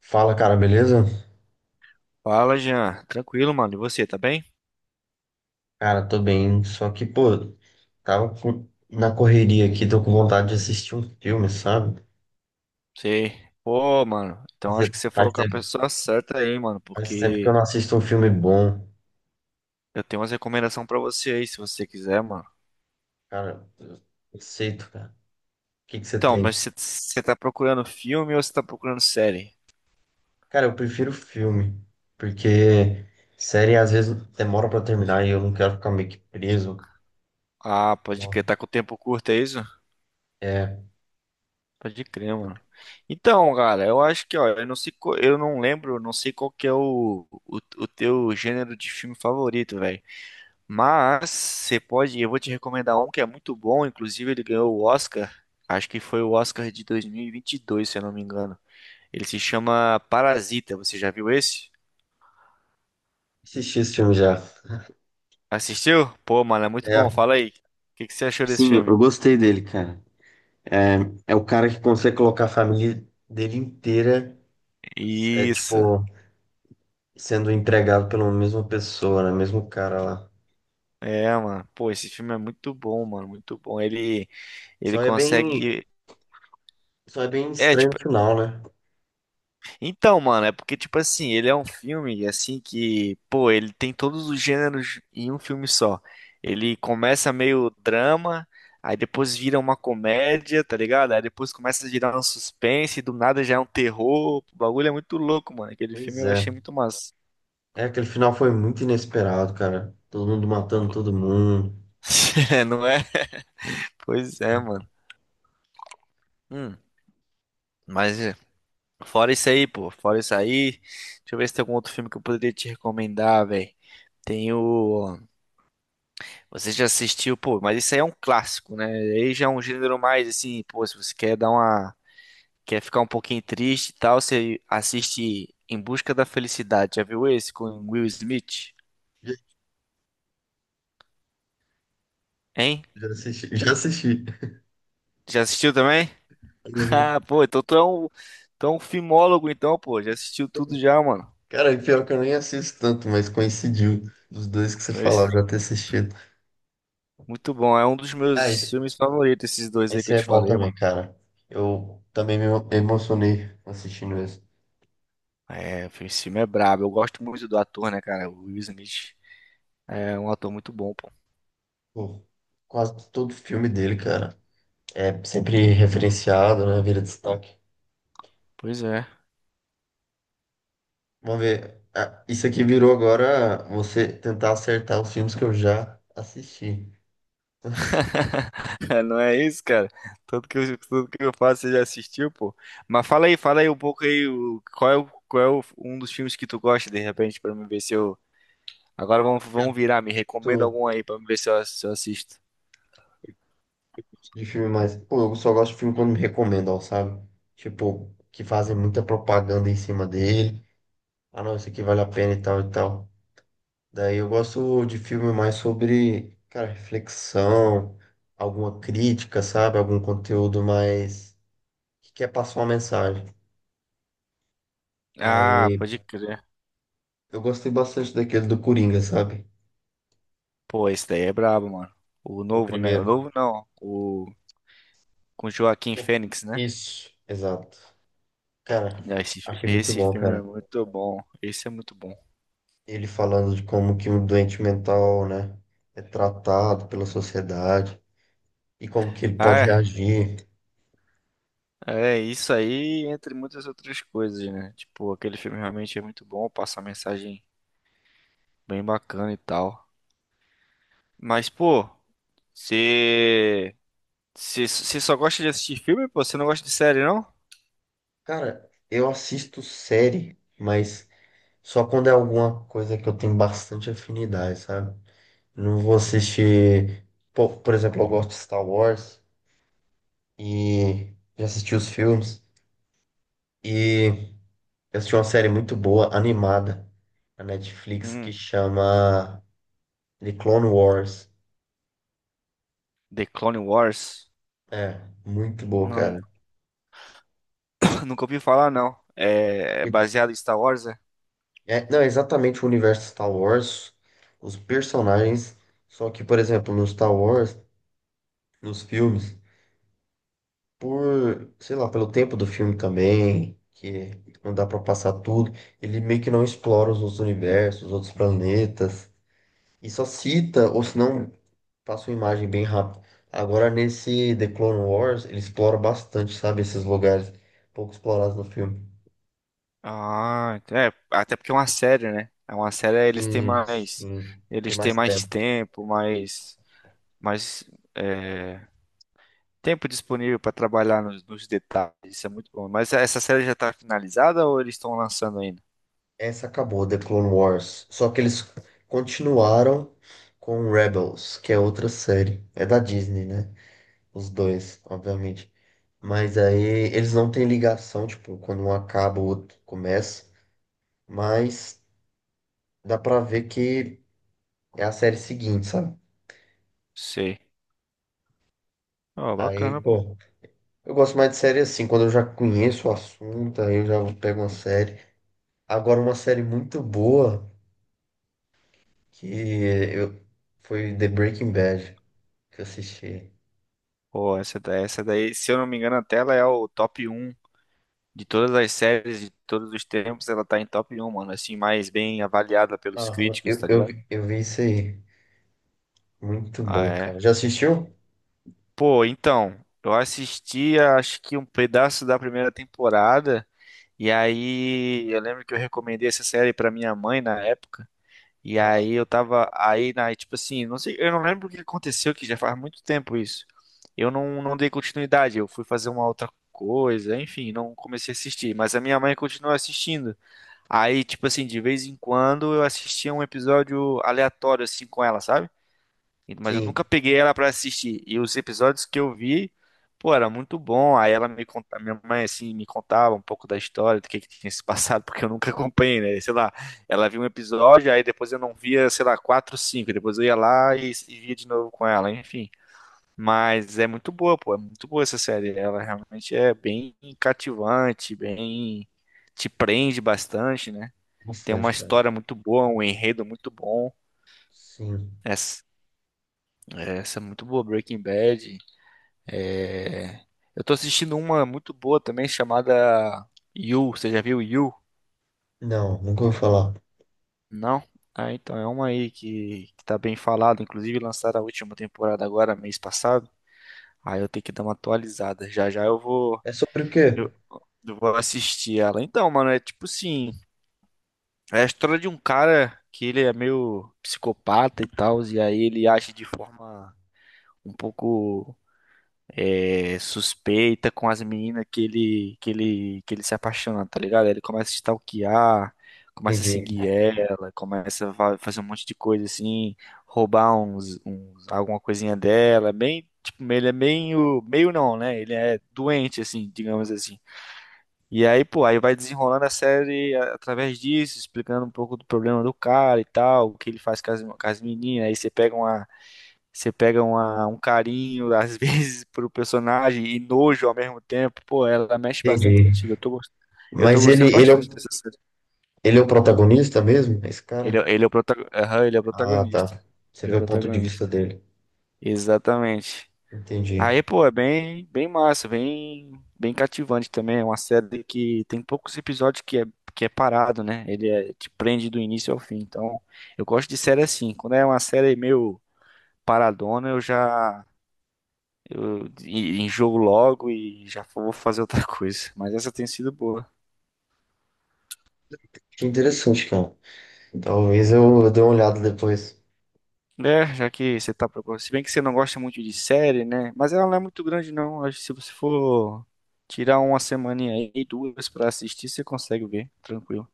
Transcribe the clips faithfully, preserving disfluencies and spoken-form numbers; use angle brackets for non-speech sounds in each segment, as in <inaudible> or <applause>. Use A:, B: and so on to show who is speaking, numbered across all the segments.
A: Fala, cara, beleza?
B: Fala, Jean. Tranquilo, mano. E você, tá bem?
A: Cara, tô bem, só que, pô, tava com- na correria aqui, tô com vontade de assistir um filme, sabe?
B: Sei. Pô, mano. Então acho
A: Fazia-
B: que você
A: Faz
B: falou com a
A: tempo,
B: pessoa certa aí, mano.
A: faz tempo que eu
B: Porque
A: não assisto um filme bom.
B: eu tenho umas recomendações pra você aí, se você quiser, mano.
A: Cara, eu aceito, cara. O que que você
B: Então,
A: tem?
B: mas você você tá procurando filme ou você tá procurando série?
A: Cara, eu prefiro filme, porque série às vezes demora pra terminar e eu não quero ficar meio que preso.
B: Ah, pode
A: Não.
B: crer. Tá com tempo curto, é isso?
A: É,
B: Pode crer, mano. Então, cara, eu acho que, ó, eu não sei, qual- eu não lembro, não sei qual que é o, o, o teu gênero de filme favorito, velho. Mas você pode, eu vou te recomendar um que é muito bom, inclusive ele ganhou o Oscar, acho que foi o Oscar de dois mil e vinte e dois, se eu não me engano. Ele se chama Parasita, você já viu esse?
A: assisti esse filme já.
B: Assistiu? Pô, mano, é muito bom,
A: É,
B: fala aí. O que que você achou desse
A: sim, eu
B: filme?
A: gostei dele, cara. É, é o cara que consegue colocar a família dele inteira. É
B: Isso.
A: tipo, sendo entregado pela mesma pessoa, né? Mesmo cara lá.
B: É, mano. Pô, esse filme é muito bom, mano, muito bom. Ele ele
A: Só é bem,
B: consegue
A: só é bem
B: é
A: estranho o
B: tipo.
A: final, né?
B: Então, mano, é porque, tipo assim, ele é um filme, assim, que, pô, ele tem todos os gêneros em um filme só. Ele começa meio drama, aí depois vira uma comédia, tá ligado? Aí depois começa a virar um suspense, do nada já é um terror. O bagulho é muito louco, mano. Aquele filme
A: Pois
B: eu
A: é.
B: achei muito massa.
A: É, aquele final foi muito inesperado, cara. Todo mundo matando todo mundo.
B: <laughs> É, não é? Pois é,
A: Sim.
B: mano. Hum, mas é, fora isso aí, pô, fora isso aí, deixa eu ver se tem algum outro filme que eu poderia te recomendar, velho. Tem o. Você já assistiu, pô, mas isso aí é um clássico, né? Aí já é um gênero mais assim, pô, se você quer dar uma, quer ficar um pouquinho triste e tal, você assiste Em Busca da Felicidade. Já viu esse com Will Smith?
A: Já,
B: Hein?
A: já assisti, <laughs> já assisti.
B: Já assistiu também? <laughs>
A: Uhum.
B: Ah, pô, então tu é um, tu é um filmólogo então, pô, já assistiu tudo já, mano.
A: Cara, e pior que eu nem assisto tanto, mas coincidiu dos dois que você falou, eu
B: Pois,
A: já ter assistido.
B: muito bom, é um dos
A: Ah,
B: meus
A: esse,
B: filmes favoritos esses dois aí que
A: esse
B: eu
A: é
B: te
A: bom
B: falei,
A: também,
B: mano.
A: cara. Eu também me emocionei assistindo esse.
B: É, esse filme é brabo. Eu gosto muito do ator, né, cara? O Will Smith é um ator muito bom, pô.
A: Pô, quase todo filme dele, cara. É sempre referenciado, né? Vira destaque.
B: Pois é.
A: Vamos ver. Ah, isso aqui virou agora você tentar acertar os filmes que eu já assisti.
B: <laughs> Não é isso, cara? Tudo que eu, tudo que eu faço, você já assistiu, pô. Mas fala aí, fala aí um pouco aí, o- qual é, o- qual é o- um dos filmes que tu gosta, de repente, pra me ver se eu... Agora vamos, vamos virar, me recomenda
A: Tanto
B: algum aí pra me ver se eu, se eu assisto.
A: de filme mais. Pô, eu só gosto de filme quando me recomendam, sabe? Tipo, que fazem muita propaganda em cima dele. Ah, não, isso aqui vale a pena e tal e tal. Daí eu gosto de filme mais sobre, cara, reflexão, alguma crítica, sabe? Algum conteúdo mais que quer passar uma mensagem.
B: Ah,
A: Aí.
B: pode crer.
A: Eu gostei bastante daquele do Coringa, sabe?
B: Pô, esse daí é brabo, mano. O
A: O
B: novo, né? O
A: primeiro.
B: novo não, o... Com Joaquim Fênix, né?
A: Isso, exato. Cara,
B: Ah, Esse,
A: achei muito
B: esse
A: bom,
B: filme é
A: cara.
B: muito bom. Esse é muito bom.
A: Ele falando de como que um doente mental, né, é tratado pela sociedade e como que ele
B: Ah,
A: pode
B: é.
A: reagir.
B: É, isso aí, entre muitas outras coisas, né? Tipo, aquele filme realmente é muito bom, passa uma mensagem bem bacana e tal. Mas, pô, você. Você você só gosta de assistir filme, pô? Você não gosta de série, não?
A: Cara, eu assisto série, mas só quando é alguma coisa que eu tenho bastante afinidade, sabe? Não vou assistir, por, por exemplo, eu gosto de Star Wars e já assisti os filmes. E eu assisti uma série muito boa, animada, na Netflix, que
B: Hum,
A: chama The Clone Wars.
B: The Clone Wars?
A: É, muito boa,
B: Não,
A: cara.
B: <laughs> <clears throat> nunca ouvi falar, não. É, é baseado em Star Wars, é?
A: É, não, é exatamente o universo Star Wars, os personagens. Só que, por exemplo, no Star Wars, nos filmes, por, sei lá, pelo tempo do filme também, que não dá pra passar tudo, ele meio que não explora os outros universos, os outros planetas. E só cita, ou se não, passa uma imagem bem rápido. Agora, nesse The Clone Wars, ele explora bastante, sabe? Esses lugares pouco explorados no filme.
B: Ah, então é, até porque é uma série, né? É uma série, eles têm
A: Sim,
B: mais.
A: sim. Tem
B: Eles têm
A: mais
B: mais
A: tempo.
B: tempo, mais. Mais. É. Tempo disponível para trabalhar nos, nos detalhes, isso é muito bom. Mas é, essa série já tá finalizada ou eles estão lançando ainda?
A: Essa acabou, The Clone Wars. Só que eles continuaram com Rebels, que é outra série. É da Disney, né? Os dois, obviamente. Mas aí eles não têm ligação, tipo, quando um acaba, o outro começa. Mas dá pra ver que é a série seguinte, sabe?
B: Sei. Ó,
A: Aí,
B: bacana, pô.
A: pô. Eu gosto mais de série assim, quando eu já conheço o assunto, aí eu já pego uma série. Agora, uma série muito boa que eu... foi The Breaking Bad, que eu assisti.
B: Pô, essa, da- essa daí, se eu não me engano, até ela é o top um de todas as séries de todos os tempos, ela tá em top um, mano, assim, mais bem avaliada pelos
A: Aham.
B: críticos,
A: Eu,
B: tá
A: eu,
B: ligado?
A: vi- eu vi isso aí. Muito
B: Ah,
A: bom,
B: é.
A: cara. Já assistiu?
B: Pô, então, eu assisti acho que um pedaço da primeira temporada, e aí eu lembro que eu recomendei essa série pra minha mãe na época. E
A: Aham.
B: aí eu tava aí na, tipo assim, não sei, eu não lembro o que aconteceu, que já faz muito tempo isso. Eu não, não dei continuidade, eu fui fazer uma outra coisa, enfim, não comecei a assistir, mas a minha mãe continuou assistindo. Aí, tipo assim, de vez em quando eu assistia um episódio aleatório assim com ela, sabe? Mas eu
A: Sim,
B: nunca peguei ela pra assistir. E os episódios que eu vi, pô, era muito bom. Aí ela me contava, minha mãe assim me contava um pouco da história, do que que tinha se <laughs> passado, porque eu nunca acompanhei, né? Sei lá, ela viu um episódio, aí depois eu não via, sei lá, quatro, cinco. Depois eu ia lá e, e via de novo com ela, enfim. Mas é muito boa, pô, é muito boa essa série. Ela realmente é bem cativante, bem te prende bastante, né? Tem uma
A: bastante, cara.
B: história muito boa, um enredo muito bom.
A: Sim.
B: Essa, essa é muito boa, Breaking Bad. É, eu tô assistindo uma muito boa também chamada You. Você já viu You?
A: Não, nunca ouvi falar.
B: Não? Ah, então é uma aí que, que tá bem falada. Inclusive lançaram a última temporada agora, mês passado. Aí eu tenho que dar uma atualizada. Já já eu vou,
A: É sobre o quê?
B: eu, eu vou assistir ela. Então, mano, é tipo assim, é a história de um cara que ele é meio psicopata e tal, e aí ele age de forma um pouco é, suspeita com as meninas que ele, que ele, que ele se apaixona, tá ligado? Aí ele começa a stalkear, começa a
A: Entendi,
B: seguir ela, começa a fa- fazer um monte de coisa assim, roubar uns, uns- alguma coisinha dela, bem, tipo, ele é meio, meio não, né? Ele é doente, assim, digamos assim. E aí, pô, aí vai desenrolando a série a- através disso, explicando um pouco do problema do cara e tal, o que ele faz com as, com as meninas, aí você pega uma você pega uma- um carinho, às <laughs> vezes, pro personagem e nojo ao mesmo tempo. Pô, ela mexe bastante
A: entendi.
B: contigo. Eu tô, gost- eu tô
A: Mas ele,
B: gostando
A: ele, é,
B: bastante
A: o-
B: dessa série.
A: ele é o protagonista mesmo, esse
B: Ele,
A: cara?
B: é- ele, é o protago- Aham, ele é o
A: Ah,
B: protagonista.
A: tá. Você
B: Ele é
A: vê
B: o
A: o ponto de vista
B: protagonista.
A: dele.
B: Exatamente. Aí,
A: Entendi.
B: pô, é bem, bem massa, bem, bem cativante também. É uma série que tem poucos episódios que é, que é parado, né? Ele é- te prende do início ao fim. Então, eu gosto de série assim. Quando é uma série meio paradona, eu já Eu en- enjoo logo e já vou fazer outra <laughs> coisa. Mas essa tem sido boa.
A: Que interessante, cara. Talvez eu dê uma olhada depois.
B: É, já que você tá procurando. Se bem que você não gosta muito de série, né? Mas ela não é muito grande, não. Acho que se você for tirar uma semaninha aí, duas pra assistir, você consegue ver, tranquilo.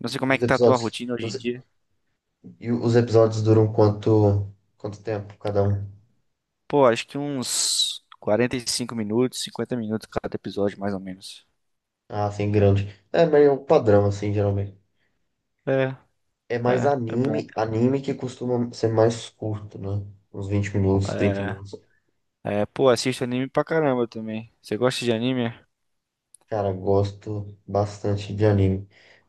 B: Não sei
A: E
B: como é
A: os
B: que tá a tua
A: episódios,
B: rotina hoje
A: os,
B: em dia.
A: e os episódios duram quanto, quanto tempo cada um?
B: Pô, acho que uns quarenta e cinco minutos, cinquenta minutos cada episódio, mais ou menos.
A: Ah, assim, grande. É meio um padrão, assim, geralmente.
B: É,
A: É mais
B: é, é bom.
A: anime, anime que costuma ser mais curto, né? Uns vinte minutos, trinta
B: É,
A: minutos.
B: é, pô, assisto anime pra caramba também. Você gosta de anime?
A: Cara, gosto bastante de anime.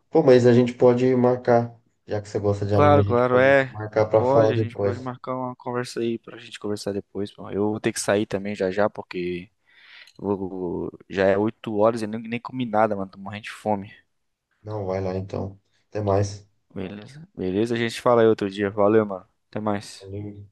A: Pô, mas a gente pode marcar, já que você gosta de anime, a
B: Claro,
A: gente
B: claro,
A: pode
B: é.
A: marcar pra falar
B: Pode, a gente pode
A: depois.
B: marcar uma conversa aí pra gente conversar depois, pô. Eu vou ter que sair também já já, porque eu vou- já é oito horas e eu nem, nem comi nada, mano. Tô morrendo de fome.
A: Não, vai lá então. Até mais.
B: Beleza? Beleza, a gente fala aí outro dia. Valeu, mano. Até mais.
A: Valeu.